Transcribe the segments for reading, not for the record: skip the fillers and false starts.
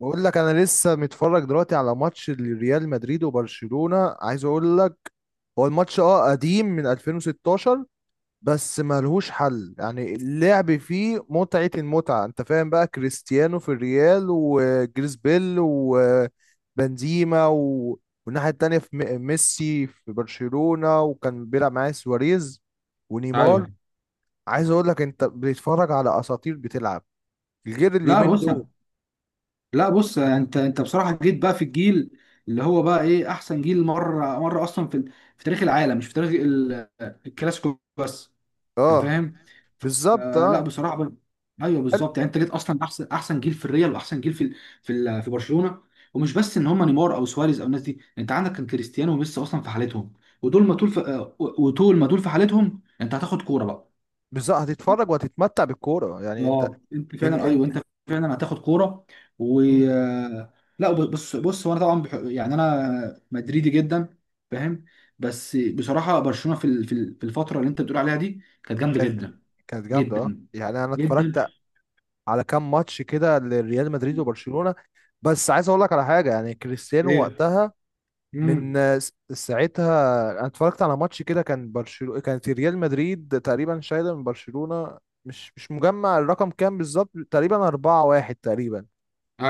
بقول لك انا لسه متفرج دلوقتي على ماتش ريال مدريد وبرشلونة. عايز اقول لك هو الماتش قديم من 2016. بس ملهوش حل، يعني اللعب فيه متعة المتعة. انت فاهم بقى، كريستيانو في الريال وجريس بيل وبنزيما والناحية التانية في ميسي في برشلونة، وكان بيلعب معاه سواريز ونيمار. ايوه. عايز اقول لك انت بتتفرج على اساطير بتلعب، غير لا اليومين بص، دول. لا بص، انت بصراحه جيت بقى في الجيل اللي هو بقى ايه احسن جيل مره مره اصلا في تاريخ العالم، مش في تاريخ الكلاسيكو بس. انت اه. فاهم؟ بالظبط لا اه. بصراحه ايوه، بالظبط، يعني انت جيت اصلا احسن جيل في الريال واحسن جيل في برشلونه. ومش بس ان هم نيمار او سواريز او الناس دي، انت عندك كان كريستيانو وميسي اصلا في حالتهم. ودول ما طول في... آه، وطول ما دول في حالتهم انت هتاخد كوره بقى. بالظبط هتتفرج وهتتمتع بالكوره، يعني انت. اه، انت ان فعلا، ان ايوه انت فعلا هتاخد كوره. و مم. لا بص، هو انا طبعا يعني انا مدريدي جدا، فاهم. بس بصراحه برشلونه في الفتره اللي انت بتقول عليها دي كانت جامده كان- جدا، كانت جامده، جدا يعني انا جدا. اتفرجت على كام ماتش كده لريال مدريد وبرشلونه. بس عايز اقول لك على حاجه، يعني كريستيانو ايه. وقتها، من امم ساعتها. انا اتفرجت على ماتش كده، كان برشلونه، كانت ريال مدريد تقريبا شايله من برشلونه. مش مجمع الرقم كام بالظبط، تقريبا 4-1 تقريبا.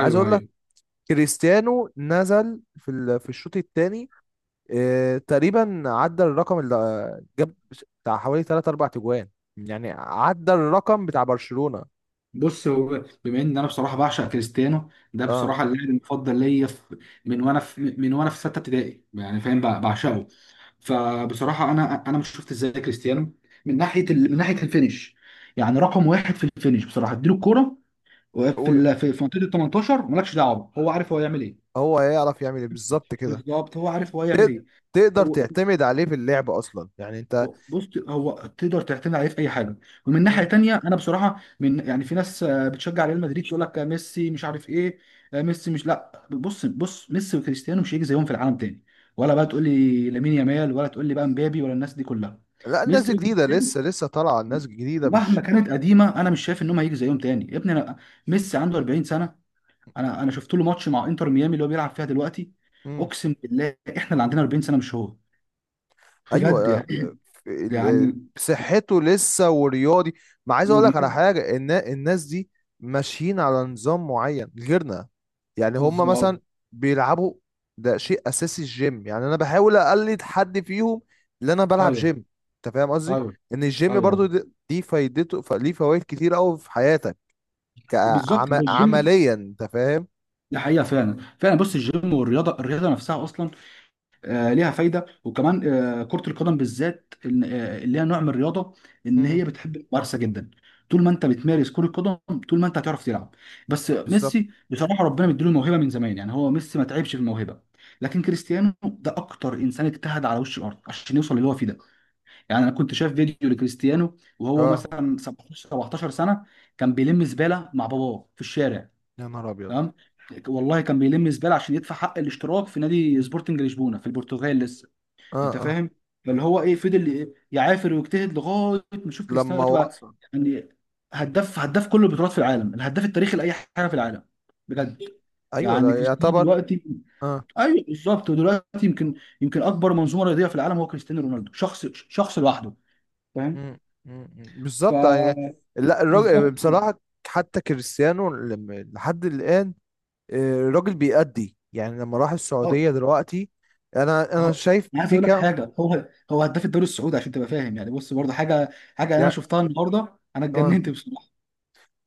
عايز اقول لك ايوه. كريستيانو نزل في الشوط الثاني. إيه، تقريبا عدى الرقم اللي جاب، بتاع حوالي 3 4 تجوان، يعني عدى الرقم بتاع برشلونة. بص، هو بما ان انا بصراحه بعشق كريستيانو ده، اه. بصراحه اللاعب المفضل ليا من وانا في سته ابتدائي، يعني فاهم، مم. بعشقه. فبصراحه انا مش شفت ازاي كريستيانو من ناحيه الفينش. يعني رقم واحد في الفينش، بصراحه اديله الكوره في ال... و- في في منطقه ال 18، مالكش دعوه، هو عارف هو يعمل ايه. هو هيعرف يعمل ايه بالظبط كده. بالظبط هو عارف هو يعمل تق- ايه. تقدر هو- تعتمد عليه في اللعب اصلا، يعني انت. بص، هو تقدر تعتمد عليه في اي حاجه. ومن ناحيه مم. تانية انا بصراحه من يعني في ناس بتشجع ريال مدريد، تقول لك ميسي مش عارف ايه، ميسي مش لا، بص ميسي وكريستيانو مش هيجي زيهم في العالم تاني. ولا بقى تقول لي لامين يامال، ولا تقول لي بقى مبابي، ولا الناس دي كلها. لا، الناس دي ميسي جديدة، وكريستيانو، لسه طالعة، الناس جديدة مش... ومهما كانت قديمه، انا مش شايف انهم هيجي زيهم تاني يا ابني انا. ميسي عنده 40 سنه. انا شفت له ماتش مع انتر ميامي اللي هو بيلعب فيها دلوقتي. اقسم بالله احنا اللي عندنا 40 سنه، مش هو، ايوه. بجد يعني ال- يعني آه، صحته لسه ورياضي. ما عايز اقول لك على مريب. حاجه، ان الناس دي ماشيين على نظام معين غيرنا. يعني هم بالظبط. مثلا بيلعبوا. ده شيء اساسي الجيم، يعني انا بحاول اقلد حد فيهم، اللي انا بلعب ايوه، جيم. انت فاهم قصدي؟ ايوه، ان الجيم برضو ايوه، دي فايدته، ليه فوائد كتير قوي في حياتك بالظبط، ده الجيم. كعمليا. انت فاهم؟ دي حقيقه فعلا، فعلا. بص، الجيم والرياضه، الرياضه نفسها اصلا ليها فايده، وكمان كره القدم بالذات اللي هي نوع من الرياضه ان هي امم. بتحب الممارسه جدا. طول ما انت بتمارس كره قدم، طول ما انت هتعرف تلعب. بس بالظبط ميسي بصراحه ربنا مديله الموهبه من زمان، يعني هو ميسي ما تعبش في الموهبه. لكن كريستيانو ده اكتر انسان اجتهد على وش الارض عشان يوصل للي هو فيه ده. يعني انا كنت شايف فيديو لكريستيانو وهو اه. مثلا 17 سنه، كان بيلم زباله مع باباه في الشارع. يا نهار ابيض. تمام؟ والله كان بيلم زباله عشان يدفع حق الاشتراك في نادي سبورتنج لشبونه في البرتغال لسه. اه، انت اه. فاهم؟ فاللي هو ايه، فضل يعافر ويجتهد لغايه ما يشوف كريستيانو لما دلوقتي بقى. وصل. يعني هداف كل البطولات في العالم، الهداف التاريخي لاي حاجه في العالم، بجد. ايوه، يعني ده كريستيانو يعتبر. دلوقتي، اه. ايوه بالظبط. ودلوقتي يمكن، اكبر منظومه رياضيه في العالم هو كريستيانو رونالدو، شخص لوحده، فاهم. مم. مم. مم. بالظبط يعني. فبالظبط. لا، الراجل بصراحة، حتى كريستيانو لحد الآن، الراجل بيأدي. يعني لما راح اه. السعودية دلوقتي، أنا هو- شايف انا عايز في اقول لك كام. حاجه، هو هداف الدوري السعودي، عشان تبقى فاهم يعني. بص برضه حاجه، انا شفتها النهارده انا يعني اتجننت بصراحه.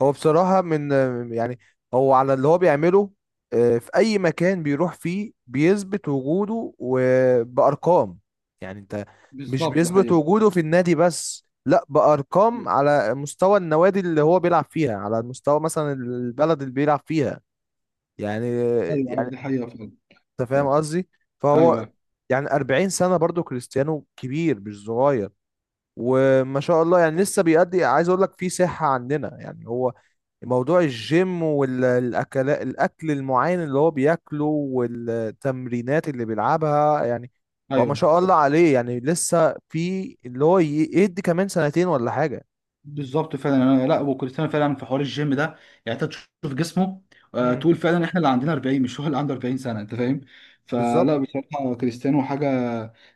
هو بصراحة من، يعني، هو على اللي هو بيعمله، في أي مكان بيروح فيه بيثبت وجوده وبأرقام. يعني أنت، مش بالظبط ده بيثبت حقيقة. وجوده في النادي بس، لا، بأرقام على مستوى النوادي اللي هو بيلعب فيها، على مستوى مثلا البلد اللي بيلعب فيها. يعني ايوه، ايوه، يعني دي حقيقة فعلا. أنت فاهم قصدي. فهو ايوه، يعني 40 سنة، برضو كريستيانو كبير مش صغير. وما شاء الله، يعني لسه بيأدي. عايز أقول لك في صحة عندنا. يعني هو موضوع الجيم والاكل، الاكل المعين اللي هو بياكله، والتمرينات اللي بيلعبها. يعني هو ما ايوه، شاء الله عليه، يعني لسه في اللي هو يدي كمان سنتين ولا حاجة. بالظبط. فعلا انا. لا، وكريستيانو فعلا في حوار الجيم ده، يعني انت تشوف جسمه، امم. تقول فعلا احنا اللي عندنا 40 مش هو اللي عنده 40 سنه، انت فاهم. بالظبط. فلا بصراحه كريستيانو حاجه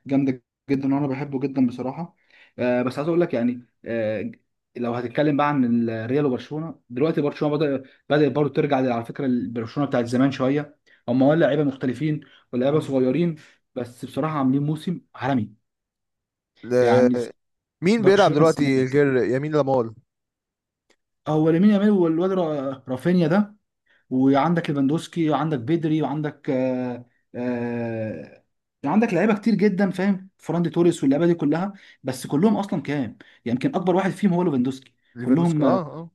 جامده جدا، وانا بحبه جدا بصراحه. بس عايز اقول لك يعني، لو هتتكلم بقى عن الريال وبرشلونه دلوقتي، برشلونه بدا، برضه ترجع على فكره البرشلونه بتاعت زمان شويه. هم، ولا لعيبه مختلفين، ولا لعيبه مم. صغيرين بس بصراحه عاملين موسم عالمي. ل- يعني مين بيلعب برشلونه، دلوقتي غير يمين لامال؟ هو لامين يامال، والواد رافينيا ده، وعندك ليفاندوسكي، وعندك بيدري، وعندك آه عندك لعيبه كتير جدا، فاهم، فران دي توريس، واللعيبه دي كلها. بس كلهم اصلا كام يعني، يمكن اكبر واحد فيهم هو ليفاندوسكي. ليفاندوسكي، كلهم اه، اه.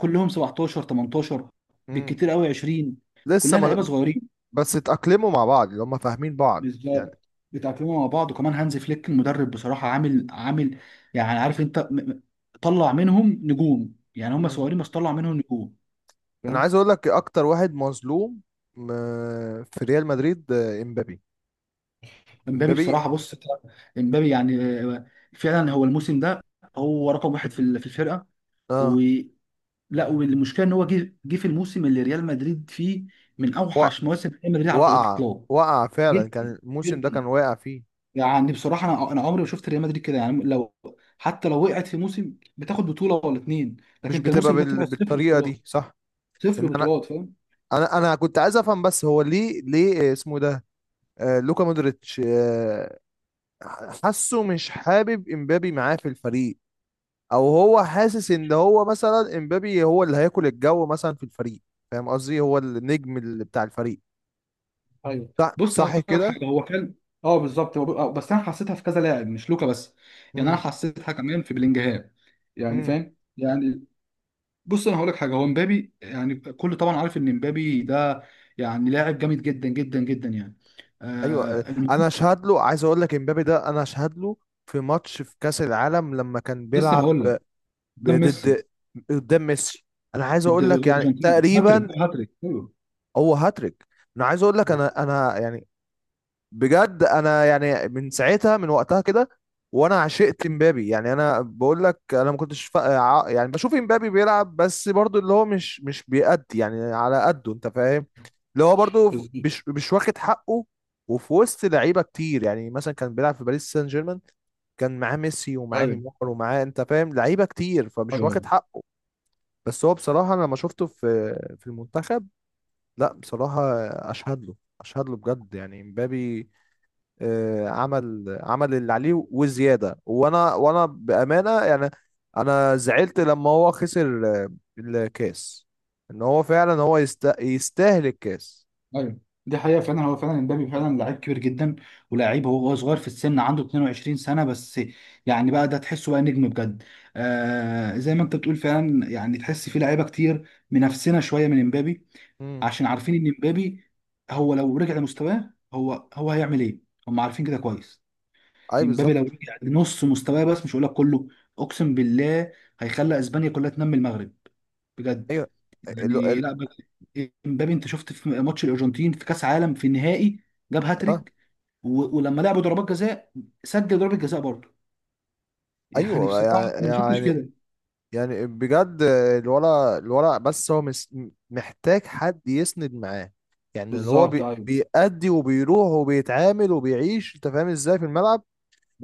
كلهم 17، 18، مم. بالكتير قوي 20، لسه كلها لعيبه ما... صغيرين. بس اتأقلموا مع بعض، اللي هم فاهمين بعض يعني. بالظبط، بيتاقلموا مع بعض، وكمان هانز فليك المدرب بصراحه عامل يعني، عارف انت طلع منهم نجوم. يعني هم مم. صغيرين بس طلع منهم انا نجوم. عايز اقول لك اكتر واحد مظلوم في ريال مدريد، امبابي. امبابي امبابي. بصراحه، بص امبابي يعني فعلا هو الموسم ده هو رقم واحد في الفرقه، اه. ولا. والمشكله ان هو جه في الموسم اللي ريال مدريد فيه من و- اوحش مواسم ريال مدريد على وقع الاطلاق. وقع فعلا، جدا، كان الموسم ده جدا. كان واقع فيه. يعني بصراحه انا عمري ما شفت ريال مدريد كده. يعني لو، حتى لو وقعت في موسم بتاخد بطوله ولا اتنين. لكن مش انت بتبقى الموسم ده طلع صفر بالطريقه بطولات، دي، صح؟ صفر ان انا بطولات فاهم. انا انا كنت عايز افهم بس، هو ليه اسمه ده، لوكا مودريتش، حاسه مش حابب امبابي معاه في الفريق، او هو حاسس ان هو مثلا امبابي هو اللي هياكل الجو مثلا في الفريق. فاهم قصدي، هو النجم اللي بتاع الفريق. ايوه. صح، بص انا صح اقول لك كده. حاجه، هو كان، اه بالظبط هو، بس انا حسيتها في كذا لاعب مش لوكا بس، يعني انا حسيتها كمان في بلينجهام، يعني امم. فاهم يعني. بص انا هقول لك حاجه، هو مبابي يعني، كل طبعا عارف ان مبابي ده يعني لاعب جامد جدا جدا جدا يعني. ايوه، المهم، انا اشهد له. عايز اقول لك امبابي ده، انا اشهد له في ماتش في كاس العالم لما كان لسه بيلعب هقول لك. قدام ميسي. ضد، قدام ميسي. انا عايز اقول لك يعني الارجنتين، هاتريك، تقريبا ايوه. هو هاتريك. انا عايز اقول لك بس- انا يعني بجد. انا يعني من ساعتها، من وقتها كده، وانا عشقت مبابي. يعني انا بقول لك، انا ما كنتش يعني بشوف مبابي بيلعب، بس برضو اللي هو مش بيأدي يعني على قده، انت فاهم. اللي هو برضو بس- مش واخد حقه. وفي وسط لعيبه كتير، يعني مثلا كان بيلعب في باريس سان جيرمان، كان معاه ميسي ومعاه ايوه، نيمار ومعاه، انت فاهم، لعيبه كتير، فمش ايوه، واخد حقه. بس هو بصراحه، انا لما شفته في في المنتخب، لا بصراحه، اشهد له، اشهد له بجد. يعني مبابي عمل اللي عليه وزياده، وانا بامانه يعني. انا زعلت لما هو خسر الكاس. ان هو فعلا هو يستاهل الكاس. ايوه دي حقيقة فعلا. هو فعلا امبابي فعلا لعيب كبير جدا. مم. ولاعيب، هو صغير في السن، عنده 22 سنة بس. يعني بقى ده تحسه بقى نجم بجد. آه زي ما انت بتقول فعلا، يعني تحس في لعيبة كتير منافسنا شوية من امبابي، مم. عشان عارفين ان امبابي هو لو رجع لمستواه هو هيعمل ايه، هم عارفين كده كويس. اي امبابي لو بالظبط. رجع لنص مستواه بس، مش هقول لك كله، اقسم بالله هيخلي اسبانيا كلها تنمي المغرب، بجد ايوه. ال... يعني. ال... لا امبابي، انت شفت في ماتش الارجنتين في كاس عالم في النهائي جاب آه. هاتريك. ولما لعبوا ضربات جزاء سجل ضربة جزاء برضه يعني ايوه، بصراحة يعني انا ما شفتش يعني كده. يعني بجد. الورق، الورق بس هو محتاج حد يسند معاه، يعني اللي هو بالظبط، ايوه، بيأدي وبيروح وبيتعامل وبيعيش، انت فاهم ازاي في الملعب.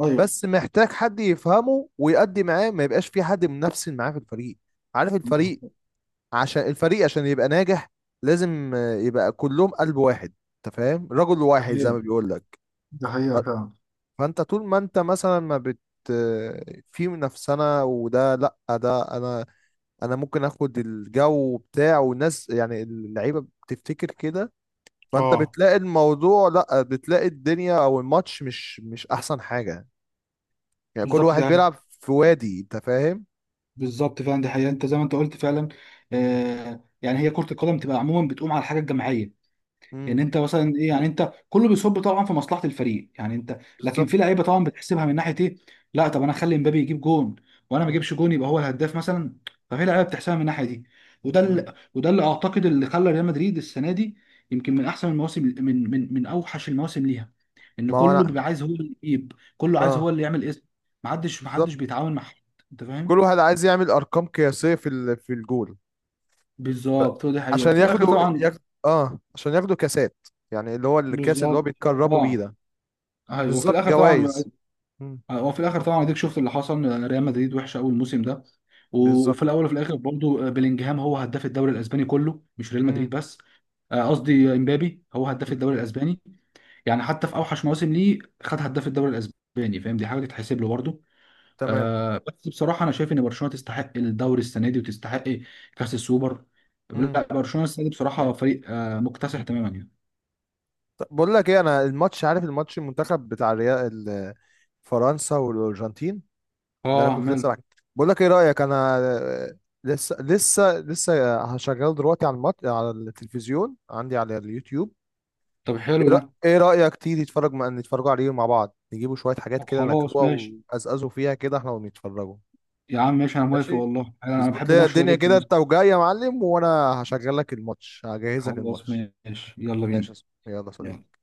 ايوه بس محتاج حد يفهمه ويأدي معاه، ما يبقاش في حد منافسين معاه في الفريق. عارف، بالظبط. الفريق عشان يبقى ناجح، لازم يبقى كلهم قلب واحد. انت فاهم، رجل ده واحد زي ما حقيقة، بيقول لك. ده حقيقة فعلا. فانت طول ما انت مثلا ما بت آه، في منافسة، وده، لا، ده انا انا ممكن اخد الجو بتاع والناس، يعني اللعيبة بتفتكر كده. فانت اه بتلاقي الموضوع، لا، بتلاقي الدنيا او الماتش مش احسن حاجة. يعني كل بالظبط واحد ده، بيلعب في وادي، انت فاهم. بالظبط فعلا دي حقيقة انت زي ما انت قلت فعلا. آه يعني هي كرة القدم تبقى عموما بتقوم على الحاجة الجماعية. يعني امم. انت مثلا ايه، يعني انت كله بيصب طبعا في مصلحه الفريق يعني انت. لكن في بالظبط. لعيبه طبعا بتحسبها من ناحيه ايه، لا طب انا اخلي مبابي يجيب جون وانا ما مم. اجيبش جون، يبقى هو الهداف مثلا. ففي لعيبه بتحسبها من الناحيه دي، مم. وده اللي اعتقد اللي خلى ريال مدريد السنه دي يمكن من احسن المواسم، من اوحش المواسم ليها. ان ما هو كله انا. بيبقى عايز هو اللي يجيب، كله عايز هو اه. اللي يعمل اسم. محدش بالظبط. بيتعاون مع حد، انت كل فاهم. واحد عايز يعمل ارقام قياسيه في الجول. ف... بالظبط، هو دي حقيقه. عشان وفي الاخر ياخدوا طبعا. ياخد... اه عشان ياخدوا كاسات، يعني اللي هو الكاس اللي هو بالظبط بيتكرموا بيه اه. ده. ايوه، وفي بالظبط الاخر طبعا، جوائز. مم. وفي الاخر طبعا اديك شفت اللي حصل ريال مدريد وحشه قوي الموسم ده. بالظبط. وفي الاول وفي الاخر برضه بلينجهام هو هداف الدوري الاسباني كله، مش ريال مم. مدريد بس. قصدي امبابي هو هداف الدوري الاسباني. يعني حتى في اوحش مواسم ليه خد هداف الدوري الاسباني، فاهم، دي حاجه تتحسب له برضه. تمام. بس بصراحه انا شايف ان برشلونه تستحق الدوري السنه دي وتستحق كاس السوبر. مم. لا برشلونه السنه دي بصراحه فريق مكتسح تماما يعني. طب بقول لك ايه، انا الماتش، عارف الماتش، المنتخب بتاع الريال فرنسا والارجنتين، اللي انا اه، كنت ماله. لسه بحكي. بقول لك ايه رايك، انا لسه هشغله دلوقتي على التلفزيون عندي على اليوتيوب. طب حلو ايه رأ- ده. إيه رايك تيجي تتفرج نتفرجوا عليه مع بعض، نجيبوا شويه حاجات طب كده خلاص ناكلوها ماشي، ونقزقزوا فيها كده احنا ونتفرجوا. يا عم ماشي، انا موافق ماشي. والله، انا اظبط بحب لي الماتش ده الدنيا كده جدا. انت وجاي يا معلم، وانا هشغل لك الماتش، هجهز لك خلاص الماتش. ماشي يلا ماشي بينا. يا صاحبي. يلا يا يلا. صديقي.